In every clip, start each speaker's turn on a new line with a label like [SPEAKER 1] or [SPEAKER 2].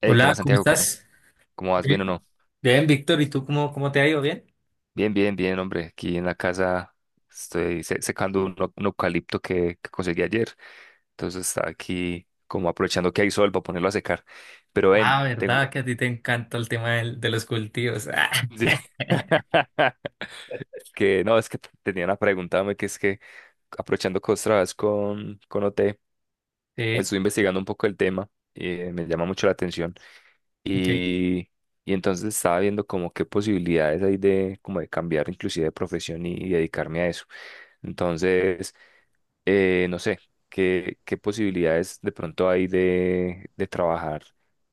[SPEAKER 1] Hey, ¿qué
[SPEAKER 2] Hola,
[SPEAKER 1] más,
[SPEAKER 2] ¿cómo
[SPEAKER 1] Santiago? ¿Cómo,
[SPEAKER 2] estás?
[SPEAKER 1] cómo vas?
[SPEAKER 2] Bien,
[SPEAKER 1] ¿Bien o no?
[SPEAKER 2] bien, Víctor, ¿y tú cómo te ha ido? ¿Bien?
[SPEAKER 1] Bien, bien, bien, hombre. Aquí en la casa estoy secando un eucalipto que conseguí ayer. Entonces está aquí como aprovechando que hay sol para ponerlo a secar. Pero
[SPEAKER 2] Ah,
[SPEAKER 1] ven, tengo...
[SPEAKER 2] ¿verdad? Que a ti te encanta el tema de los cultivos. Ah,
[SPEAKER 1] Sí. Que no, es que tenía una pregunta, hombre, que es que aprovechando que vos trabajas con OT,
[SPEAKER 2] Sí,
[SPEAKER 1] estoy investigando un poco el tema y me llama mucho la atención.
[SPEAKER 2] ok.
[SPEAKER 1] Y, y entonces estaba viendo como qué posibilidades hay de, como de cambiar inclusive de profesión y dedicarme a eso. Entonces, no sé, qué posibilidades de pronto hay de trabajar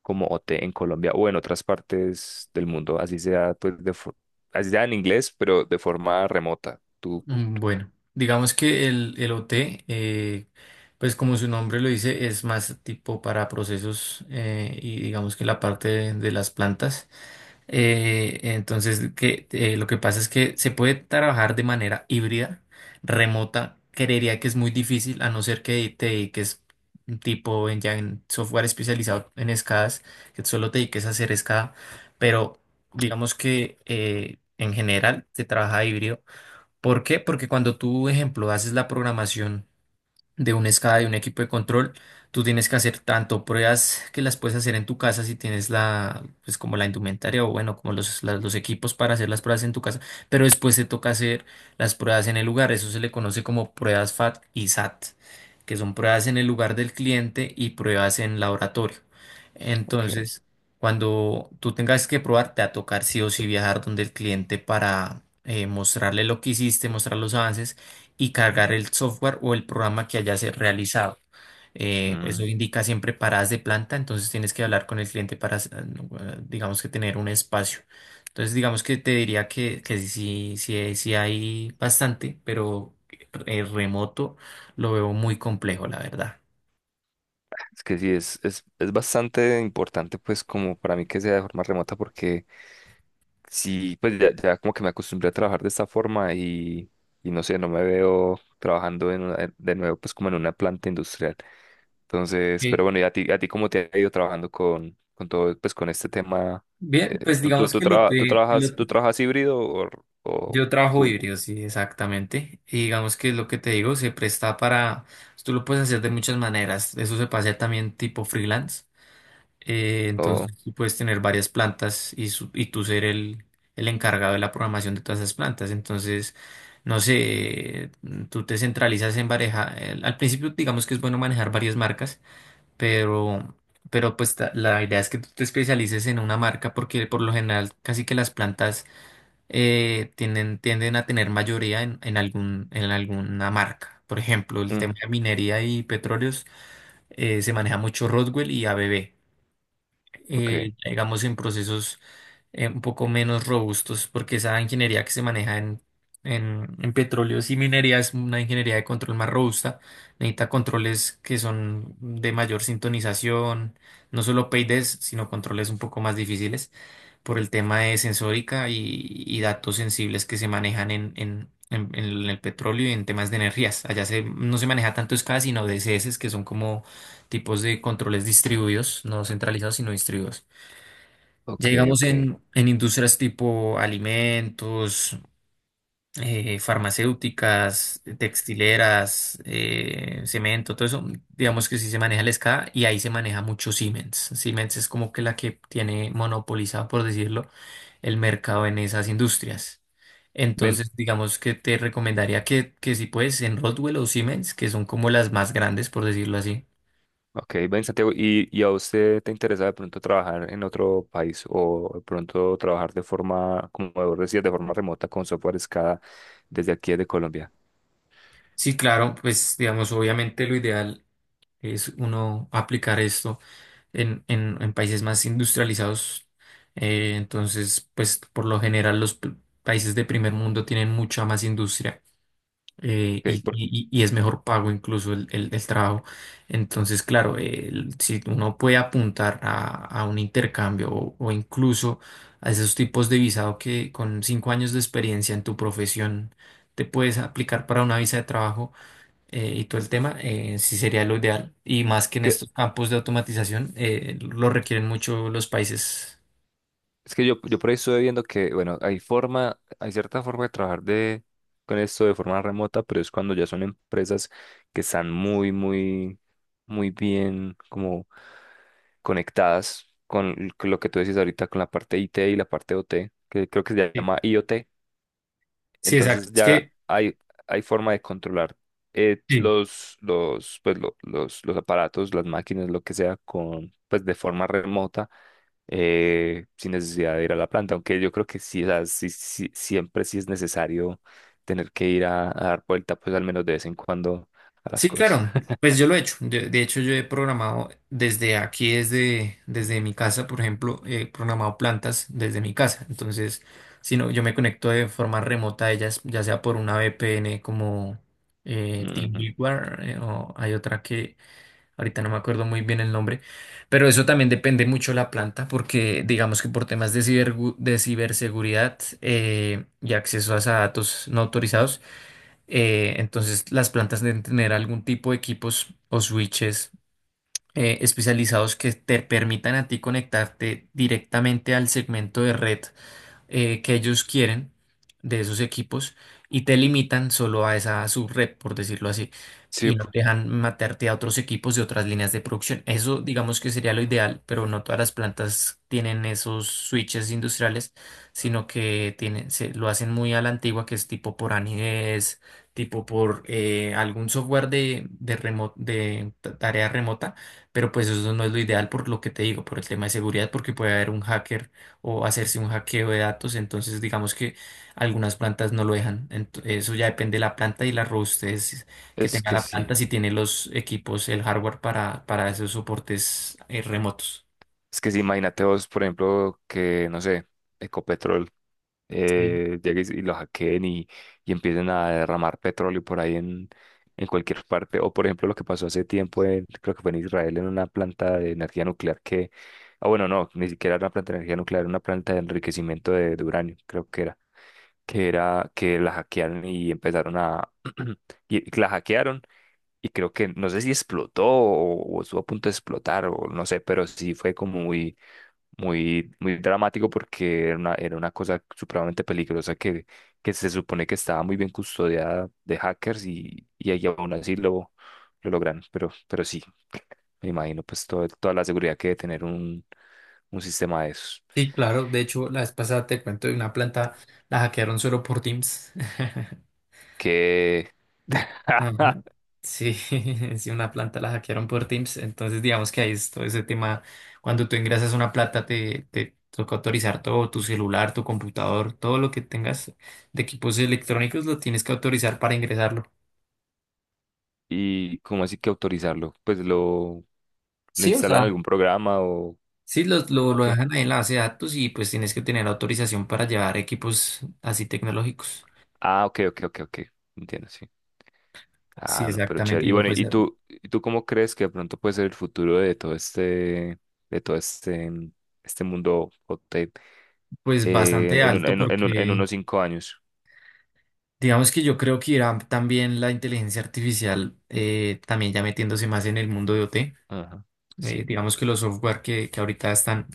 [SPEAKER 1] como OT en Colombia o en otras partes del mundo, así sea, pues, así sea en inglés, pero de forma remota. Tú,
[SPEAKER 2] Bueno, digamos que el OT, pues como su nombre lo dice, es más tipo para procesos, y digamos que la parte de las plantas. Entonces, lo que pasa es que se puede trabajar de manera híbrida, remota. Creería que es muy difícil, a no ser que te dediques, tipo en, ya en software especializado en escadas, que solo te dediques a hacer escada. Pero digamos que, en general se trabaja híbrido. ¿Por qué? Porque cuando tú, ejemplo, haces la programación de una escala de un equipo de control, tú tienes que hacer tanto pruebas que las puedes hacer en tu casa si tienes pues, como la indumentaria, o bueno, como los equipos para hacer las pruebas en tu casa, pero después te toca hacer las pruebas en el lugar. Eso se le conoce como pruebas FAT y SAT, que son pruebas en el lugar del cliente y pruebas en laboratorio.
[SPEAKER 1] ok.
[SPEAKER 2] Entonces, cuando tú tengas que probar, te va a tocar sí o sí viajar donde el cliente para, mostrarle lo que hiciste, mostrar los avances y cargar el software o el programa que hayas realizado. Eso
[SPEAKER 1] Mm,
[SPEAKER 2] indica siempre paradas de planta, entonces tienes que hablar con el cliente para, no, digamos, que tener un espacio. Entonces, digamos que te diría que sí, sí, sí, hay bastante, pero, remoto lo veo muy complejo, la verdad.
[SPEAKER 1] es que sí, es bastante importante pues como para mí que sea de forma remota porque... sí, pues ya como que me acostumbré a trabajar de esta forma y no sé, no me veo trabajando de nuevo pues como en una planta industrial. Entonces,
[SPEAKER 2] Ok.
[SPEAKER 1] pero bueno, ¿y a ti cómo te ha ido trabajando con todo, pues con este tema?
[SPEAKER 2] Bien,
[SPEAKER 1] Eh,
[SPEAKER 2] pues
[SPEAKER 1] ¿tú, tú,
[SPEAKER 2] digamos
[SPEAKER 1] tú
[SPEAKER 2] que lo
[SPEAKER 1] traba- tú
[SPEAKER 2] te,
[SPEAKER 1] trabajas,
[SPEAKER 2] lo te-
[SPEAKER 1] tú trabajas híbrido o
[SPEAKER 2] Yo trabajo
[SPEAKER 1] full?
[SPEAKER 2] híbrido, sí, exactamente. Y digamos que es lo que te digo, se presta para, tú lo puedes hacer de muchas maneras. Eso se puede hacer también tipo freelance. Eh,
[SPEAKER 1] O,
[SPEAKER 2] entonces tú puedes tener varias plantas y, y tú ser el encargado de la programación de todas esas plantas. Entonces, no sé, tú te centralizas en manejar, al principio digamos que es bueno manejar varias marcas, pero, pero pues, la idea es que tú te especialices en una marca porque, por lo general, casi que las plantas, tienden a tener mayoría en, en alguna marca. Por ejemplo, el
[SPEAKER 1] mm,
[SPEAKER 2] tema de minería y petróleos, se maneja mucho Rodwell y ABB.
[SPEAKER 1] ok,
[SPEAKER 2] Ya digamos en procesos, un poco menos robustos, porque esa ingeniería que se maneja en, en petróleos y minería es una ingeniería de control más robusta. Necesita controles que son de mayor sintonización, no solo PIDs, sino controles un poco más difíciles por el tema de sensórica y datos sensibles que se manejan en, en el petróleo y en temas de energías. Allá no se maneja tanto SCADA, sino DCS, que son como tipos de controles distribuidos, no centralizados, sino distribuidos.
[SPEAKER 1] ok,
[SPEAKER 2] Ya digamos
[SPEAKER 1] ok.
[SPEAKER 2] en industrias tipo alimentos, farmacéuticas, textileras, cemento, todo eso, digamos que sí se maneja el SCADA, y ahí se maneja mucho Siemens. Siemens es como que la que tiene monopolizado, por decirlo, el mercado en esas industrias.
[SPEAKER 1] Ven,
[SPEAKER 2] Entonces, digamos que te recomendaría que, si puedes, en Rockwell o Siemens, que son como las más grandes, por decirlo así.
[SPEAKER 1] ok, ven Santiago, y a usted te interesa de pronto trabajar en otro país o de pronto trabajar de forma, como vos decías, de forma remota con software SCADA desde aquí de Colombia?
[SPEAKER 2] Sí, claro, pues digamos, obviamente lo ideal es uno aplicar esto en, en países más industrializados. Entonces, pues, por lo general, países de primer mundo tienen mucha más industria, y,
[SPEAKER 1] Ok,
[SPEAKER 2] y- y- es mejor pago incluso el trabajo. Entonces, claro, si uno puede apuntar a un intercambio, o incluso a esos tipos de visado, que con 5 años de experiencia en tu profesión te puedes aplicar para una visa de trabajo, y todo el tema, sí sería lo ideal. Y más que en
[SPEAKER 1] porque
[SPEAKER 2] estos campos de automatización, lo requieren mucho los países.
[SPEAKER 1] es que yo por ahí estoy viendo que, bueno, hay forma, hay cierta forma de trabajar de, con esto de forma remota, pero es cuando ya son empresas que están muy bien como conectadas con con lo que tú decís ahorita, con la parte IT y la parte OT, que creo que se
[SPEAKER 2] Sí,
[SPEAKER 1] llama IoT.
[SPEAKER 2] sí, exacto.
[SPEAKER 1] Entonces
[SPEAKER 2] Es
[SPEAKER 1] ya
[SPEAKER 2] que,
[SPEAKER 1] hay forma de controlar
[SPEAKER 2] sí,
[SPEAKER 1] los aparatos, las máquinas, lo que sea, con, pues, de forma remota, sin necesidad de ir a la planta. Aunque yo creo que sí, o sea, siempre sí es necesario tener que ir a dar vuelta, pues al menos de vez en cuando a las
[SPEAKER 2] sí,
[SPEAKER 1] cosas.
[SPEAKER 2] claro, pues yo lo he hecho. De hecho, yo he programado desde aquí, desde mi casa, por ejemplo, he programado plantas desde mi casa. Entonces, si no, yo me conecto de forma remota a ellas, ya sea por una VPN como...
[SPEAKER 1] Ujú.
[SPEAKER 2] TeamViewer, o hay otra que ahorita no me acuerdo muy bien el nombre, pero eso también depende mucho de la planta, porque digamos que por temas de ciberseguridad, y acceso a esa datos no autorizados, entonces las plantas deben tener algún tipo de equipos o switches, especializados, que te permitan a ti conectarte directamente al segmento de red que ellos quieren de esos equipos, y te limitan solo a esa subred, por decirlo así,
[SPEAKER 1] Sí,
[SPEAKER 2] y no te dejan matarte a otros equipos de otras líneas de producción. Eso digamos que sería lo ideal, pero no todas las plantas tienen esos switches industriales, sino que tienen, lo hacen muy a la antigua, que es tipo por anidez, tipo por, algún software de, de tarea remota, pero pues eso no es lo ideal, por lo que te digo, por el tema de seguridad, porque puede haber un hacker o hacerse un hackeo de datos. Entonces, digamos que algunas plantas no lo dejan. Eso ya depende de la planta y la robustez que
[SPEAKER 1] es
[SPEAKER 2] tenga
[SPEAKER 1] que
[SPEAKER 2] la planta,
[SPEAKER 1] sí.
[SPEAKER 2] si tiene los equipos, el hardware para esos soportes, remotos.
[SPEAKER 1] Es que sí, imagínate vos, por ejemplo, que, no sé, Ecopetrol
[SPEAKER 2] Sí.
[SPEAKER 1] llegue y lo hackeen y empiecen a derramar petróleo por ahí en cualquier parte. O por ejemplo lo que pasó hace tiempo, creo que fue en Israel, en una planta de energía nuclear que, ah bueno, no, ni siquiera era una planta de energía nuclear, era una planta de enriquecimiento de uranio, creo que era, que era que la hackearon y empezaron a, y la hackearon. Y creo que, no sé si explotó o estuvo a punto de explotar o no sé, pero sí fue como muy dramático porque era una cosa supremamente peligrosa que se supone que estaba muy bien custodiada de hackers y ahí aún así lo logran. Pero sí, me imagino pues toda la seguridad que debe tener un sistema de esos.
[SPEAKER 2] Sí, claro. De hecho, la vez pasada te cuento de una planta, la hackearon solo por Teams.
[SPEAKER 1] Que...
[SPEAKER 2] Ajá. Sí, si una planta la hackearon por Teams, entonces digamos que ahí es todo ese tema. Cuando tú ingresas una planta, te toca autorizar todo, tu celular, tu computador, todo lo que tengas de equipos electrónicos lo tienes que autorizar para ingresarlo.
[SPEAKER 1] ¿Y cómo así que autorizarlo? Pues lo, le
[SPEAKER 2] Sí, o sea,
[SPEAKER 1] instalan algún programa o...
[SPEAKER 2] sí, lo
[SPEAKER 1] Ok.
[SPEAKER 2] dejan ahí en la base de datos, y pues tienes que tener autorización para llevar equipos así tecnológicos.
[SPEAKER 1] Ah, ok, ok, ok, ok. Entiendo, sí.
[SPEAKER 2] Sí,
[SPEAKER 1] Ah, no, pero
[SPEAKER 2] exactamente.
[SPEAKER 1] chévere. Y
[SPEAKER 2] Y no,
[SPEAKER 1] bueno,
[SPEAKER 2] pues,
[SPEAKER 1] y tú cómo crees que de pronto puede ser el futuro de todo este, este mundo hot tech,
[SPEAKER 2] pues bastante alto,
[SPEAKER 1] en
[SPEAKER 2] porque
[SPEAKER 1] unos 5 años?
[SPEAKER 2] digamos que yo creo que irá también la inteligencia artificial, también ya metiéndose más en el mundo de OT.
[SPEAKER 1] Ajá, sí.
[SPEAKER 2] Digamos que los software que ahorita están,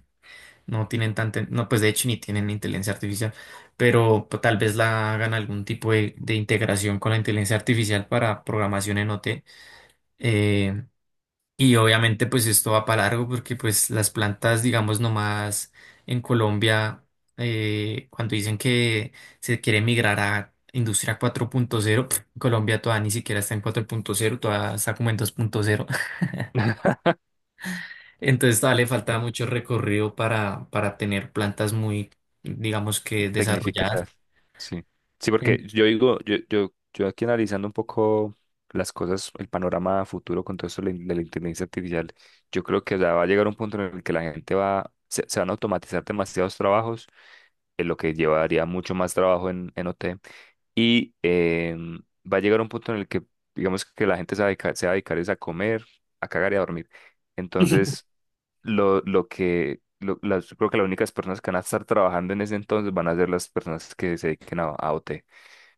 [SPEAKER 2] no tienen tanta, no, pues de hecho ni tienen inteligencia artificial, pero pues tal vez la hagan algún tipo de integración con la inteligencia artificial para programación en OT. Y obviamente pues esto va para largo, porque pues las plantas, digamos, nomás en Colombia, cuando dicen que se quiere migrar a industria 4.0, Colombia todavía ni siquiera está en 4.0, todavía está como en 2.0. Entonces todavía le falta mucho recorrido para tener plantas muy, digamos, que
[SPEAKER 1] Tecnificar,
[SPEAKER 2] desarrolladas.
[SPEAKER 1] sí. Sí, porque
[SPEAKER 2] En-
[SPEAKER 1] yo digo, yo aquí analizando un poco las cosas, el panorama futuro con todo esto de la de la inteligencia artificial, yo creo que ya va a llegar un punto en el que la gente va, se van a automatizar demasiados trabajos, en lo que llevaría mucho más trabajo en OT. Y em, va a llegar un punto en el que, digamos que la gente se va a dedicar, se va a dedicar es a comer, a cagar y a dormir. Entonces, lo que, lo- las, yo creo que las únicas personas que van a estar trabajando en ese entonces van a ser las personas que se dediquen a OT.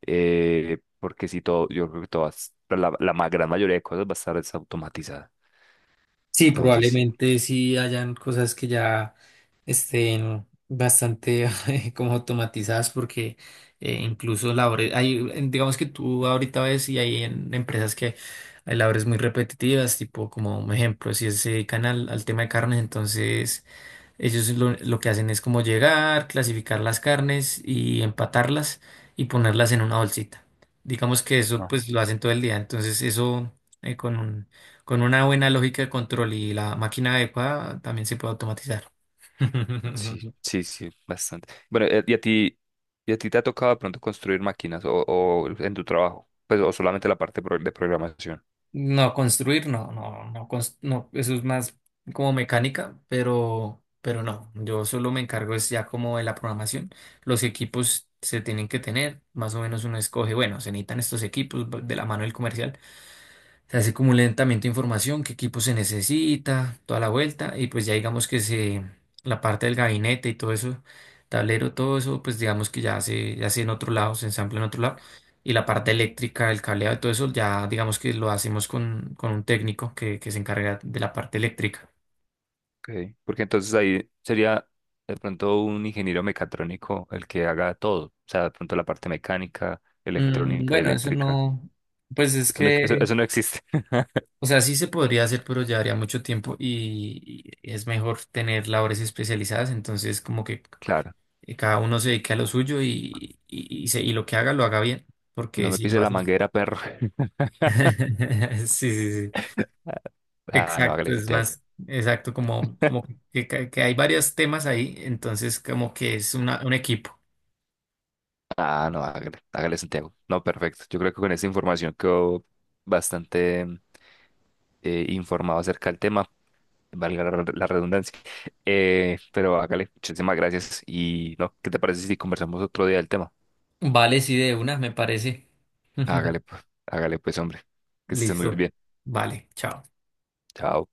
[SPEAKER 1] Porque si todo, yo creo que todas, gran mayoría de cosas va a estar desautomatizada.
[SPEAKER 2] Sí,
[SPEAKER 1] Entonces, sí.
[SPEAKER 2] probablemente sí hayan cosas que ya estén bastante como automatizadas, porque, incluso la labores, digamos que tú ahorita ves y hay en empresas que hay labores muy repetitivas, tipo como un ejemplo, si se dedican al tema de carnes, entonces ellos lo que hacen es como llegar, clasificar las carnes y empatarlas y ponerlas en una bolsita. Digamos que eso pues lo hacen todo el día. Entonces eso, eh, con un- con una buena lógica de control y la máquina adecuada, también se puede automatizar.
[SPEAKER 1] Sí, sí, sí, bastante. Bueno, y a ti te ha tocado de pronto construir máquinas o en tu trabajo? Pues, o solamente la parte de programación.
[SPEAKER 2] No, construir, no, no, no, no, eso es más como mecánica, pero no, yo solo me encargo es ya como de la programación. Los equipos se tienen que tener, más o menos uno escoge, bueno, se necesitan estos equipos de la mano del comercial. Se hace como un levantamiento de información, qué equipo se necesita, toda la vuelta, y pues ya digamos que la parte del gabinete y todo eso, tablero, todo eso, pues digamos que ya se en otro lado, se ensambla en otro lado, y la parte eléctrica, el cableado y todo eso, ya digamos que lo hacemos con un técnico que se encarga de la parte eléctrica.
[SPEAKER 1] Okay. Porque entonces ahí sería de pronto un ingeniero mecatrónico el que haga todo. O sea, de pronto la parte mecánica, electrónica y
[SPEAKER 2] Bueno, eso
[SPEAKER 1] eléctrica.
[SPEAKER 2] no, pues es
[SPEAKER 1] Eso no,
[SPEAKER 2] que,
[SPEAKER 1] eso no existe.
[SPEAKER 2] o sea, sí se podría hacer, pero llevaría mucho tiempo, y es mejor tener labores especializadas, entonces, como que,
[SPEAKER 1] Claro.
[SPEAKER 2] y cada uno se dedique a lo suyo, y y lo que haga lo haga bien,
[SPEAKER 1] No
[SPEAKER 2] porque
[SPEAKER 1] me
[SPEAKER 2] si
[SPEAKER 1] pise
[SPEAKER 2] lo
[SPEAKER 1] la
[SPEAKER 2] haces...
[SPEAKER 1] manguera, perro.
[SPEAKER 2] Sí, sí, sí,
[SPEAKER 1] Ah, no,
[SPEAKER 2] exacto,
[SPEAKER 1] hágale,
[SPEAKER 2] es
[SPEAKER 1] Santiago.
[SPEAKER 2] más, exacto, como que hay varios temas ahí, entonces como que es una, un equipo.
[SPEAKER 1] Ah, no, hágale, hágale, Santiago. No, perfecto. Yo creo que con esa información quedó bastante. Eh, informado acerca del tema, valga la redundancia. Pero hágale, muchísimas gracias. Y no, ¿qué te parece si conversamos otro día del tema?
[SPEAKER 2] Vale, sí, de una, me parece.
[SPEAKER 1] Hágale pues, hombre, que estés muy
[SPEAKER 2] Listo,
[SPEAKER 1] bien.
[SPEAKER 2] vale, chao.
[SPEAKER 1] Chao.